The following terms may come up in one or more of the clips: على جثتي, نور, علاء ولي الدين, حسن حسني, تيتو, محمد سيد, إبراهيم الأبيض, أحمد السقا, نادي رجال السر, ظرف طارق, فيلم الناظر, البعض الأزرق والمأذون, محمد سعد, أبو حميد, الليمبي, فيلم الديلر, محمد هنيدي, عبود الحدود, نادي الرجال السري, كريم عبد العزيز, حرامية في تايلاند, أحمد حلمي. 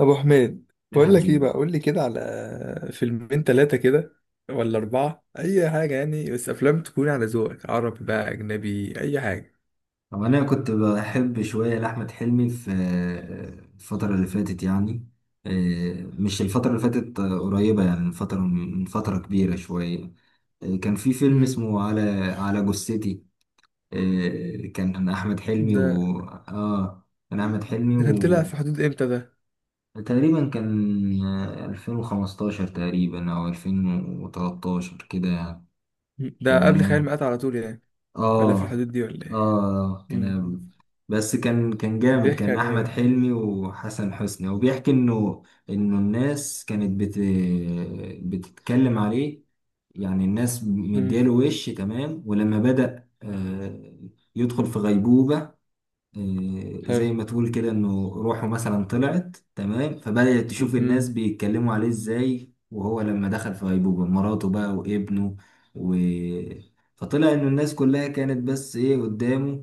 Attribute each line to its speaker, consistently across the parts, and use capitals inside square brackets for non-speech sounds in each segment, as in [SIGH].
Speaker 1: ابو حميد،
Speaker 2: يا
Speaker 1: بقول لك ايه؟
Speaker 2: حبيبي.
Speaker 1: بقى قول لي كده على فيلمين ثلاثه كده، ولا اربعه، اي حاجه يعني، بس افلام تكون على ذوقك. عربي بقى اجنبي، اي حاجه.
Speaker 2: هو انا كنت بحب شويه لاحمد حلمي في الفتره اللي فاتت يعني. مش الفتره اللي فاتت، قريبه يعني من فتره كبيره شويه. كان في فيلم
Speaker 1: امم
Speaker 2: اسمه على جثتي. كان احمد حلمي
Speaker 1: ده ده كان طلع في حدود امتى ده؟
Speaker 2: و تقريبا كان 2015 تقريبا او 2013 كده يعني.
Speaker 1: مم. ده قبل خيال
Speaker 2: تمام.
Speaker 1: مآتة على طول يعني، ولا في
Speaker 2: اه
Speaker 1: الحدود دي ولا ايه؟
Speaker 2: اه
Speaker 1: امم
Speaker 2: كان، بس كان
Speaker 1: كان
Speaker 2: جامد،
Speaker 1: بيحكي
Speaker 2: كان
Speaker 1: عن ايه
Speaker 2: احمد
Speaker 1: ده؟
Speaker 2: حلمي وحسن حسني وبيحكي انه انه الناس كانت بتتكلم عليه. يعني الناس
Speaker 1: امم
Speaker 2: مدياله وش. تمام. ولما بدأ يدخل في غيبوبة،
Speaker 1: حلو.
Speaker 2: زي ما تقول كده انه روحه مثلا طلعت. تمام. فبدأت تشوف الناس
Speaker 1: امم
Speaker 2: بيتكلموا عليه ازاي، وهو لما دخل في غيبوبة مراته بقى وابنه و... فطلع انه الناس كلها كانت بس ايه قدامه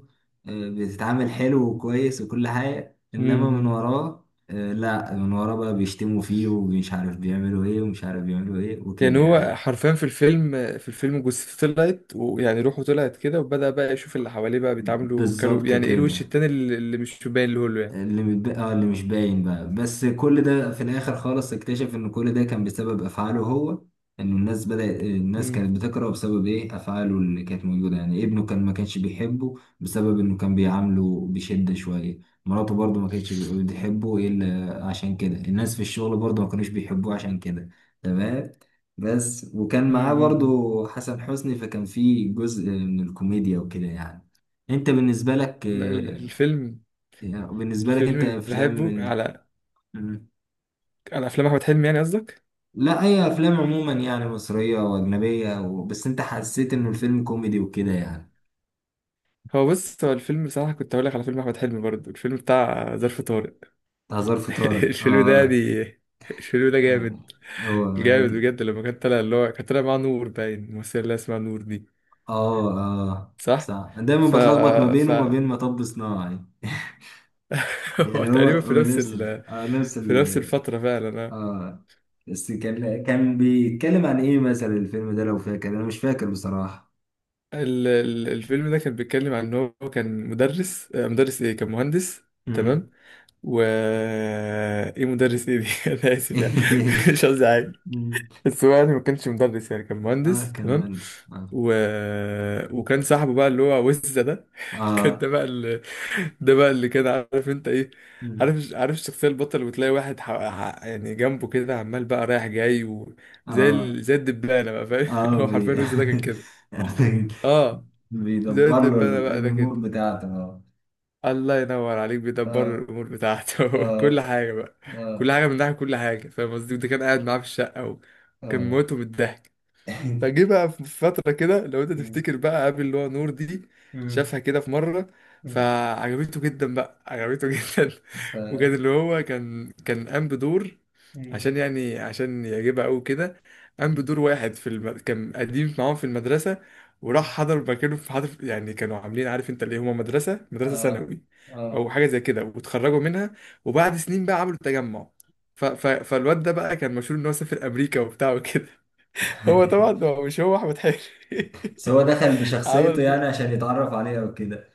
Speaker 2: بتتعامل حلو وكويس وكل حاجة، انما من
Speaker 1: امم
Speaker 2: وراه لا، من وراه بقى بيشتموا فيه ومش عارف بيعملوا ايه ومش عارف بيعملوا ايه
Speaker 1: يعني
Speaker 2: وكده
Speaker 1: هو
Speaker 2: يعني.
Speaker 1: حرفيا في الفيلم جثته طلعت، ويعني روحه طلعت كده، وبدأ بقى يشوف اللي حواليه بقى بيتعاملوا، كانوا
Speaker 2: بالظبط
Speaker 1: يعني ايه الوش
Speaker 2: كده.
Speaker 1: التاني اللي مش باين له يعني.
Speaker 2: اللي متب... اه اللي مش باين بقى. بس كل ده في الاخر خالص اكتشف ان كل ده كان بسبب افعاله هو، ان الناس
Speaker 1: مم.
Speaker 2: كانت بتكرهه بسبب ايه افعاله اللي كانت موجوده، يعني ابنه كان ما كانش بيحبه بسبب انه كان بيعامله بشده شويه، مراته برضه ما كانتش بتحبه الا عشان كده، الناس في الشغل برضه ما كانوش بيحبوه عشان كده. تمام. بس وكان معاه
Speaker 1: امم
Speaker 2: برضه حسن حسني، فكان في جزء من الكوميديا وكده يعني. انت بالنسبه لك،
Speaker 1: لا، الفيلم
Speaker 2: يعني بالنسبة لك
Speaker 1: الفيلم
Speaker 2: أنت
Speaker 1: اللي
Speaker 2: أفلام
Speaker 1: بحبه
Speaker 2: من.
Speaker 1: على
Speaker 2: مم.
Speaker 1: على افلام احمد حلمي يعني قصدك.
Speaker 2: لا، أي أفلام عموما، يعني مصرية أو أجنبية بس أنت حسيت إنه الفيلم كوميدي وكده يعني.
Speaker 1: هو بص، هو الفيلم بصراحه كنت هقول لك على فيلم احمد حلمي برضه، الفيلم بتاع ظرف طارق.
Speaker 2: هزار
Speaker 1: [LAUGHS]
Speaker 2: فطارك،
Speaker 1: الفيلم ده
Speaker 2: آه.
Speaker 1: دي الفيلم ده
Speaker 2: آه.
Speaker 1: جامد.
Speaker 2: هو
Speaker 1: جامد
Speaker 2: عادي.
Speaker 1: بجد، لما كان طالع، اللي هو كان طالع مع نور، باين الممثله اللي اسمها نور دي.
Speaker 2: آه آه،
Speaker 1: صح.
Speaker 2: صح، دايما
Speaker 1: ف
Speaker 2: بتلخبط ما بينه
Speaker 1: ف
Speaker 2: وما بين مطب صناعي. [LAUGHS]
Speaker 1: [LAUGHS] هو
Speaker 2: يعني هو
Speaker 1: تقريبا
Speaker 2: هو نفس ال... آه نفس
Speaker 1: في نفس
Speaker 2: ال...
Speaker 1: الفتره فعلا أنا.
Speaker 2: آه بس كان بيتكلم عن إيه مثلا الفيلم ده لو فاكر؟ أنا مش فاكر بصراحة.
Speaker 1: الفيلم ده كان بيتكلم عن ان هو كان مدرس، مدرس ايه؟ كان مهندس
Speaker 2: مم.
Speaker 1: تمام. و ايه مدرس ايه دي؟ [LAUGHS] انا اسف يعني. [LAUGHS] مش
Speaker 2: [LAUGHS]
Speaker 1: قصدي حاجه.
Speaker 2: مم.
Speaker 1: بس هو يعني ما كانش مدرس، يعني كان
Speaker 2: آه،
Speaker 1: مهندس
Speaker 2: كان
Speaker 1: تمام.
Speaker 2: مهندس، آه.
Speaker 1: و... وكان صاحبه بقى اللي هو وزة ده. [LAUGHS] كان ده
Speaker 2: اه
Speaker 1: بقى اللي [LAUGHS] ده بقى اللي كان عارف انت ايه، عارف الشخصية البطل، وتلاقي واحد، يعني جنبه كده عمال بقى رايح جاي،
Speaker 2: اه
Speaker 1: زي الدبانة بقى، فاهم؟
Speaker 2: اه
Speaker 1: [LAUGHS] هو
Speaker 2: بي
Speaker 1: حرفيا وزة ده كان كده.
Speaker 2: [LAUGHS] يعني
Speaker 1: اه، زي
Speaker 2: بيدبر له
Speaker 1: الدبانة بقى ده
Speaker 2: الامور
Speaker 1: كده.
Speaker 2: بتاعته. اه
Speaker 1: الله ينور عليك، بيدبر
Speaker 2: اه
Speaker 1: الامور بتاعته. [LAUGHS] كل
Speaker 2: اه
Speaker 1: حاجه بقى، كل حاجه من ناحيه، كل حاجه، فاهم قصدي. وده كان قاعد معاه في الشقه،
Speaker 2: اه
Speaker 1: وكان
Speaker 2: اه
Speaker 1: موته من الضحك. فجه بقى في فتره كده، لو انت تفتكر بقى، قابل اللي هو نور دي، شافها كده في مره، فعجبته جدا بقى، عجبته [LAUGHS] جدا.
Speaker 2: ف
Speaker 1: وكان اللي هو كان قام بدور، عشان يعجبها قوي كده. قام بدور واحد في كان قديم معاهم في المدرسة، وراح حضر مكانه حضر يعني، كانوا عاملين عارف انت، اللي هما مدرسة
Speaker 2: اه
Speaker 1: ثانوي
Speaker 2: اه
Speaker 1: او حاجة زي كده، واتخرجوا منها، وبعد سنين بقى عملوا تجمع. فالواد ده بقى كان مشهور ان هو سافر امريكا وبتاع وكده. [LAUGHS] هو طبعا،
Speaker 2: [LAUGHS]
Speaker 1: هو مش، هو احمد حلمي.
Speaker 2: بس هو دخل
Speaker 1: [LAUGHS]
Speaker 2: بشخصيته
Speaker 1: عمل ده.
Speaker 2: يعني عشان يتعرف عليها وكده.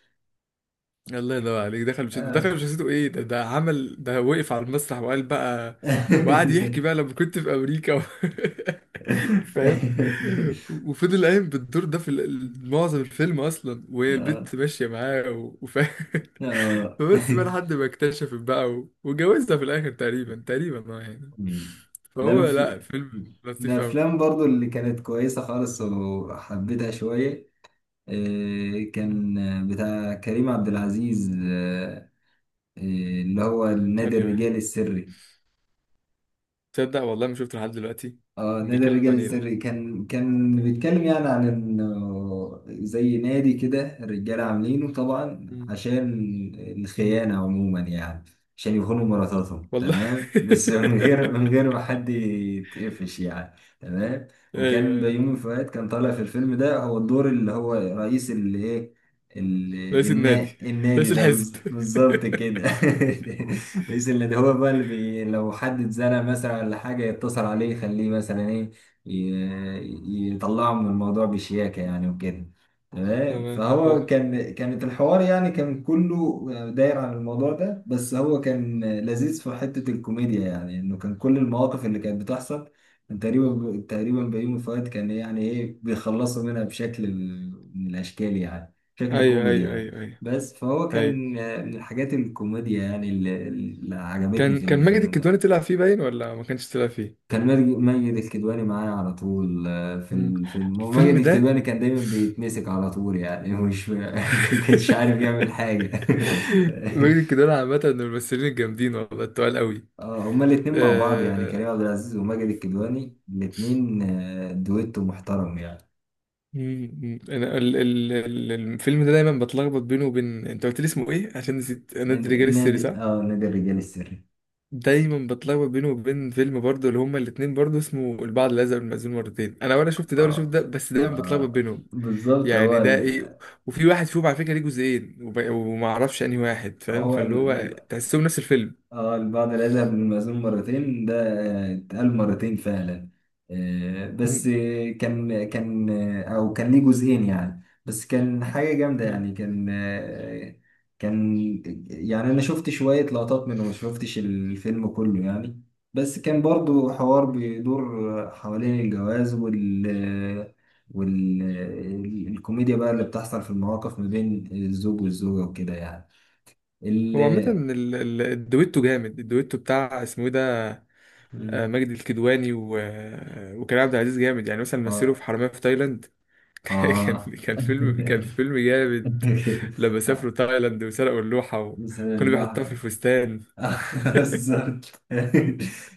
Speaker 1: الله ينور عليك، دخل مش دخل،
Speaker 2: اه.
Speaker 1: مش حسيته ايه ده عمل ده، وقف على المسرح وقال بقى، وقعد يحكي بقى لما كنت في امريكا. [LAUGHS] فاهم.
Speaker 2: [LAUGHS]
Speaker 1: وفضل قايم بالدور ده في معظم الفيلم اصلا، وهي
Speaker 2: اه
Speaker 1: البت ماشيه معاه وفاهم. [LAUGHS]
Speaker 2: اه
Speaker 1: فبس بقى لحد ما اكتشفت بقى واتجوزها في الاخر تقريبا، تقريبا يعني.
Speaker 2: مم. لا
Speaker 1: فهو،
Speaker 2: ف...
Speaker 1: لا، فيلم لطيف قوي.
Speaker 2: الأفلام برضو اللي كانت كويسة خالص وحبيتها شوية، كان بتاع كريم عبد العزيز، آه، اللي هو النادي
Speaker 1: ثانية واحد،
Speaker 2: الرجالي السري.
Speaker 1: تصدق والله ما شفته لحد دلوقتي.
Speaker 2: اه نادي
Speaker 1: بيتكلم
Speaker 2: الرجال
Speaker 1: عن ايه ده؟
Speaker 2: السري، كان بيتكلم يعني عن انه زي نادي كده الرجاله عاملينه، طبعا
Speaker 1: مم.
Speaker 2: عشان
Speaker 1: مم.
Speaker 2: الخيانه عموما يعني، عشان يخونوا مراتاتهم.
Speaker 1: والله.
Speaker 2: تمام. بس من غير من
Speaker 1: [LAUGHS]
Speaker 2: غير ما حد يتقفش يعني. تمام.
Speaker 1: ايوه،
Speaker 2: وكان
Speaker 1: ايوه.
Speaker 2: بيومي فؤاد كان طالع في الفيلم ده، هو الدور اللي هو رئيس الايه، ال...
Speaker 1: رئيس النادي،
Speaker 2: النادي
Speaker 1: رئيس
Speaker 2: ده،
Speaker 1: الحزب.
Speaker 2: بالظبط كده. [LAUGHS] رئيس النادي هو بقى اللي لو حد اتزنق مثلا ولا حاجة يتصل عليه يخليه مثلا ايه، يطلعه من الموضوع بشياكة يعني وكده.
Speaker 1: [LAUGHS]
Speaker 2: تمام.
Speaker 1: تمام، حلو.
Speaker 2: فهو كان، كانت الحوار يعني كان كله داير عن الموضوع ده، بس هو كان لذيذ في حتة الكوميديا، يعني انه كان كل المواقف اللي كانت بتحصل تقريبا بيومي فؤاد كان يعني ايه بيخلصوا منها بشكل من الاشكال يعني، شكل
Speaker 1: ايوه،
Speaker 2: كوميدي
Speaker 1: ايوه،
Speaker 2: يعني.
Speaker 1: ايوه، ايوه،
Speaker 2: بس فهو
Speaker 1: ايوه.
Speaker 2: كان، من الحاجات الكوميديا يعني، اللي عجبتني
Speaker 1: كان
Speaker 2: في
Speaker 1: كان ماجد
Speaker 2: الفيلم ده.
Speaker 1: الكدواني طلع فيه باين ولا ما كانش طلع فيه؟
Speaker 2: كان ماجد الكدواني معايا على طول، في
Speaker 1: مم.
Speaker 2: الفيلم، وماجد
Speaker 1: الفيلم ده.
Speaker 2: الكدواني كان دايما بيتمسك على طول، يعني مش [LAUGHS] كانش عارف
Speaker 1: [LAUGHS]
Speaker 2: يعمل حاجة.
Speaker 1: ماجد الكدواني عامة من الممثلين الجامدين، والله التقال قوي.
Speaker 2: [LAUGHS] هما الاتنين مع بعض، يعني كريم
Speaker 1: آه...
Speaker 2: عبد العزيز وماجد الكدواني الاتنين دويتو محترم يعني.
Speaker 1: مم، مم. انا الفيلم ده دايما بتلخبط بينه وبين انت قلت لي اسمه ايه عشان نسيت، نادي رجال السر،
Speaker 2: نادي،
Speaker 1: صح.
Speaker 2: نادي الرجال السري.
Speaker 1: دايما بتلخبط بينه وبين فيلم برضه اللي هما الاتنين برضه اسمه البعض الازرق، والمأذون مرتين. انا ولا شفت ده ولا شفت
Speaker 2: اه
Speaker 1: ده، بس دايما بتلخبط
Speaker 2: اه
Speaker 1: بينهم.
Speaker 2: بالظبط.
Speaker 1: يعني ده ايه. وفي واحد فيهم على فكره ليه جزئين، وما اعرفش انهي واحد، فاهم،
Speaker 2: هو
Speaker 1: فاللي هو
Speaker 2: ال...
Speaker 1: تحسهم نفس الفيلم.
Speaker 2: اه البعض لا يذهب للمأذون مرتين ده، اتقال مرتين فعلا، بس،
Speaker 1: مم.
Speaker 2: آه، كان كان آه، او كان ليه جزئين يعني، بس كان حاجة جامدة
Speaker 1: مم.
Speaker 2: يعني، كان، يعني انا شفت شوية لقطات منه، ما شفتش الفيلم كله يعني. بس كان برضو حوار
Speaker 1: مم.
Speaker 2: بيدور حوالين الجواز والكوميديا بقى اللي بتحصل في المواقف ما بين الزوج والزوجة وكده يعني. ال
Speaker 1: هو عامة الدويتو جامد، الدويتو بتاع اسمه ايه ده،
Speaker 2: مم.
Speaker 1: ماجد الكدواني و... آه، وكريم عبد العزيز جامد، يعني مثلا مثلوا في حرامية في تايلاند. [LAUGHS] كان
Speaker 2: آه.
Speaker 1: كان فيلم
Speaker 2: [LAUGHS]
Speaker 1: كان فيلم جامد، لما سافروا تايلاند وسرقوا اللوحة
Speaker 2: مثلا
Speaker 1: وكانوا بيحطوها في
Speaker 2: البحر.
Speaker 1: الفستان.
Speaker 2: [LAUGHS]
Speaker 1: [LAUGHS]
Speaker 2: بالظبط.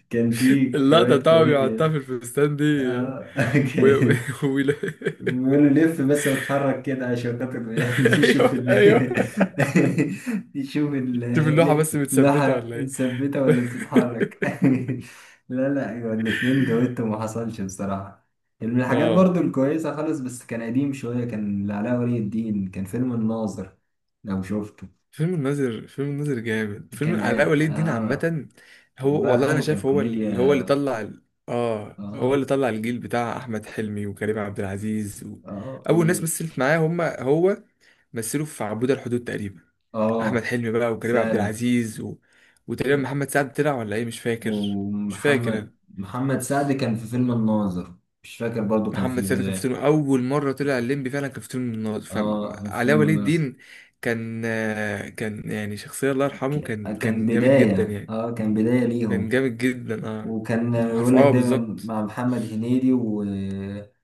Speaker 2: كان في
Speaker 1: اللقطة
Speaker 2: شوية
Speaker 1: طبعا بيحطها
Speaker 2: كوميديا.
Speaker 1: في الفستان دي،
Speaker 2: آه. [LAUGHS]
Speaker 1: و... [LAUGHS] و...
Speaker 2: أوكي.
Speaker 1: ويلا-
Speaker 2: بيقول له لف بس واتحرك كده عشان خاطر
Speaker 1: [LAUGHS]
Speaker 2: يعني [LAUGHS] يشوف
Speaker 1: ايوه،
Speaker 2: ال.
Speaker 1: ايوه.
Speaker 2: [LAUGHS] يشوف
Speaker 1: شوف اللوحة بس متثبتة
Speaker 2: اللوحة
Speaker 1: ولا ايه.
Speaker 2: مثبتة
Speaker 1: [LAUGHS]
Speaker 2: ولا
Speaker 1: ف-
Speaker 2: بتتحرك؟ [LAUGHS] لا لا، أيوة الاتنين دويتو ما حصلش بصراحة. من الحاجات
Speaker 1: اه،
Speaker 2: برضو الكويسة خالص، بس كان قديم شوية، كان لعلاء ولي الدين، كان فيلم الناظر لو شفته.
Speaker 1: فيلم الناظر، فيلم الناظر جامد، فيلم
Speaker 2: كان
Speaker 1: علاء ولي الدين عامة. هو
Speaker 2: الله
Speaker 1: والله انا
Speaker 2: يرحمه، كان
Speaker 1: شايف هو
Speaker 2: كوميديا.
Speaker 1: اللي، هو اللي طلع اه، هو
Speaker 2: آه
Speaker 1: اللي طلع الجيل بتاع احمد حلمي وكريم عبد العزيز
Speaker 2: آه،
Speaker 1: اول ناس مثلت معاه هم هو، مثلوا في عبود الحدود تقريبا، احمد
Speaker 2: آه
Speaker 1: حلمي بقى وكريم عبد
Speaker 2: فعلا.
Speaker 1: العزيز، وتقريبا محمد سعد طلع ولا ايه، مش فاكر. مش فاكر.
Speaker 2: ومحمد سعد كان في فيلم الناظر. مش فاكر، برضو كان
Speaker 1: محمد
Speaker 2: في
Speaker 1: سيد كان في فيلم اول مره طلع الليمبي فعلا، كان في فيلم الناظر
Speaker 2: اه في
Speaker 1: فعلاء
Speaker 2: فيلم
Speaker 1: ولي
Speaker 2: الناظر.
Speaker 1: الدين. كان يعني شخصيه الله يرحمه، كان
Speaker 2: كان
Speaker 1: كان جامد جدا
Speaker 2: بداية،
Speaker 1: يعني.
Speaker 2: كان بداية
Speaker 1: كان
Speaker 2: ليهم.
Speaker 1: جامد جدا. اه
Speaker 2: وكان
Speaker 1: عارف،
Speaker 2: يقول لك دايما،
Speaker 1: بالظبط.
Speaker 2: مع محمد هنيدي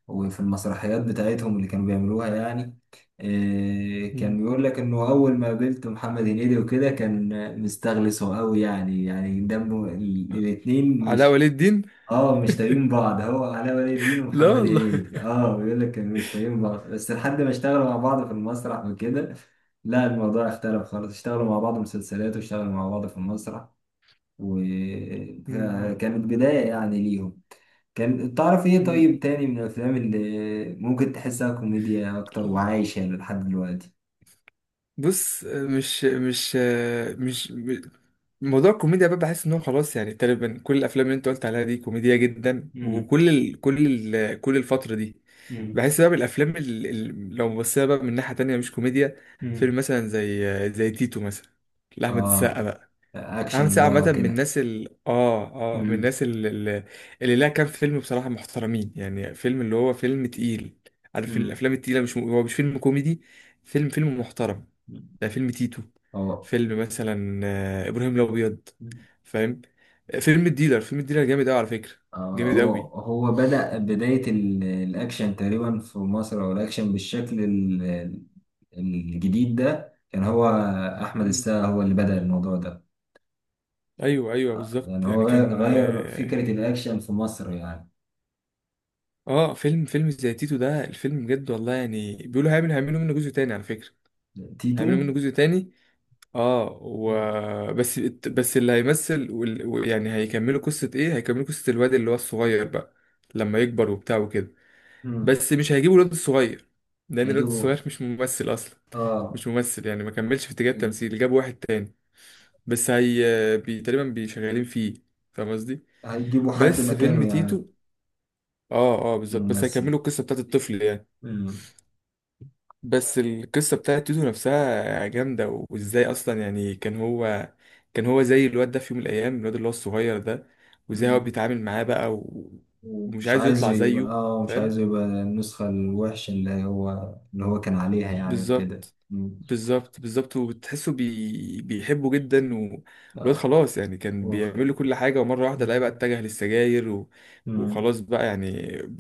Speaker 2: وفي المسرحيات بتاعتهم اللي كانوا بيعملوها يعني. كان
Speaker 1: مم.
Speaker 2: بيقول لك انه اول ما قابلت محمد هنيدي وكده كان مستغلسه قوي يعني، دمه الاتنين
Speaker 1: علاء
Speaker 2: مش،
Speaker 1: ولي الدين.
Speaker 2: اه مش طايقين بعض، هو علاء ولي الدين
Speaker 1: [LAUGHS] لا
Speaker 2: ومحمد
Speaker 1: والله.
Speaker 2: هنيدي، بيقول لك كانوا مش طايقين بعض، بس لحد ما اشتغلوا مع بعض في المسرح وكده لا الموضوع اختلف خالص، اشتغلوا مع بعض مسلسلات، واشتغلوا مع بعض في المسرح، وكانت بداية يعني ليهم. كان، تعرف ايه
Speaker 1: مم.
Speaker 2: طيب تاني من الافلام اللي ممكن تحسها كوميديا اكتر وعايشة لحد دلوقتي؟
Speaker 1: بص، مش مش- موضوع الكوميديا بقى، بحس ان هو خلاص يعني تقريبا كل الافلام اللي انت قلت عليها دي كوميديا جدا،
Speaker 2: مم.
Speaker 1: وكل ال كل ال كل الفتره دي.
Speaker 2: مم.
Speaker 1: بحس بقى بالافلام، لو بصينا بقى من ناحيه تانية مش كوميديا،
Speaker 2: مم.
Speaker 1: فيلم مثلا زي تيتو مثلا، لاحمد السقا
Speaker 2: اه
Speaker 1: بقى. عامل
Speaker 2: اكشن
Speaker 1: سعد
Speaker 2: بقى
Speaker 1: عامة من
Speaker 2: وكده.
Speaker 1: الناس ال اه اه من
Speaker 2: مم.
Speaker 1: الناس ال- ال- اللي لها كام فيلم بصراحة، محترمين يعني. فيلم، اللي هو فيلم تقيل، عارف
Speaker 2: مم.
Speaker 1: الأفلام التقيلة، مش هو مش فيلم كوميدي، فيلم محترم. ده فيلم تيتو.
Speaker 2: اه.
Speaker 1: فيلم مثلا، إبراهيم الأبيض، فاهم، فيلم الديلر، فيلم الديلر جامد أوي على فكرة، جامد
Speaker 2: هو
Speaker 1: أوي.
Speaker 2: بدأ بداية الأكشن تقريبا في مصر، أو الأكشن بالشكل الجديد ده كان هو، أحمد
Speaker 1: مم.
Speaker 2: السقا هو اللي بدأ الموضوع ده.
Speaker 1: أيوه، أيوه،
Speaker 2: يعني
Speaker 1: بالظبط يعني
Speaker 2: هو غير
Speaker 1: كان
Speaker 2: غير فكرة الأكشن في مصر يعني.
Speaker 1: فيلم زي تيتو ده الفيلم بجد والله، يعني بيقولوا هيعملوا منه جزء تاني على فكرة.
Speaker 2: تيتو.
Speaker 1: هيعملوا منه جزء تاني، اه
Speaker 2: مم.
Speaker 1: بس اللي هيمثل، يعني هيكملوا قصة الواد اللي هو الصغير بقى، لما يكبر وبتاع وكده.
Speaker 2: مم.
Speaker 1: بس مش هيجيبوا الواد الصغير، لان الواد
Speaker 2: هيجيبوا،
Speaker 1: الصغير مش ممثل اصلا.
Speaker 2: آه.
Speaker 1: مش ممثل يعني ما كملش في اتجاه
Speaker 2: مم.
Speaker 1: التمثيل، جابوا واحد تاني. بس هي، تقريبا بيشغالين فيه، فاهم قصدي.
Speaker 2: هيجيبوا حد
Speaker 1: بس فيلم
Speaker 2: مكانه يعني
Speaker 1: تيتو، اه بالظبط، بس
Speaker 2: ممثل.
Speaker 1: هيكملوا القصة بتاعت الطفل يعني.
Speaker 2: مم.
Speaker 1: بس القصة بتاعت تيتو نفسها جامدة، وازاي اصلا يعني، كان هو زي الواد ده في يوم من الايام، الواد اللي هو الصغير ده، وازاي هو
Speaker 2: مم.
Speaker 1: بيتعامل معاه بقى
Speaker 2: مم.
Speaker 1: ومش
Speaker 2: مش
Speaker 1: عايزه
Speaker 2: عايزه
Speaker 1: يطلع
Speaker 2: يبقى،
Speaker 1: زيه، فاهم،
Speaker 2: النسخة الوحشة اللي هو كان عليها يعني وكده.
Speaker 1: بالظبط، بالظبط، بالظبط. وتحسه، بيحبه جدا، والواد
Speaker 2: مم.
Speaker 1: خلاص يعني كان
Speaker 2: وخ...
Speaker 1: بيعمل له كل حاجة. ومرة واحدة لقاه بقى
Speaker 2: مم.
Speaker 1: اتجه للسجاير
Speaker 2: مم.
Speaker 1: وخلاص بقى يعني.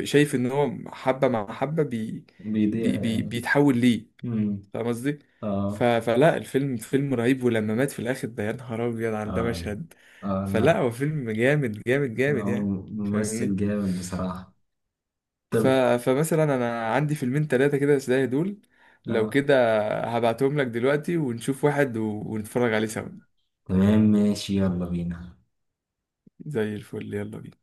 Speaker 1: شايف ان هو حبة مع حبة،
Speaker 2: بيضيع يعني.
Speaker 1: بيتحول ليه،
Speaker 2: مم.
Speaker 1: فاهم قصدي؟
Speaker 2: اه
Speaker 1: فلا الفيلم فيلم رهيب، ولما مات في الآخر ده، يا نهار أبيض على ده
Speaker 2: اه
Speaker 1: مشهد.
Speaker 2: اه،
Speaker 1: فلا هو
Speaker 2: لا،
Speaker 1: فيلم جامد جامد جامد
Speaker 2: هو
Speaker 1: يعني،
Speaker 2: ممثل
Speaker 1: فاهمني؟
Speaker 2: جامد بصراحة.
Speaker 1: ف...
Speaker 2: طب.
Speaker 1: فمثلا أنا عندي فيلمين تلاتة كده زي دول، لو
Speaker 2: اه.
Speaker 1: كده هبعتهم لك دلوقتي ونشوف واحد ونتفرج عليه سوا.
Speaker 2: تمام ماشي، يلا بينا.
Speaker 1: زي الفل، يلا بينا.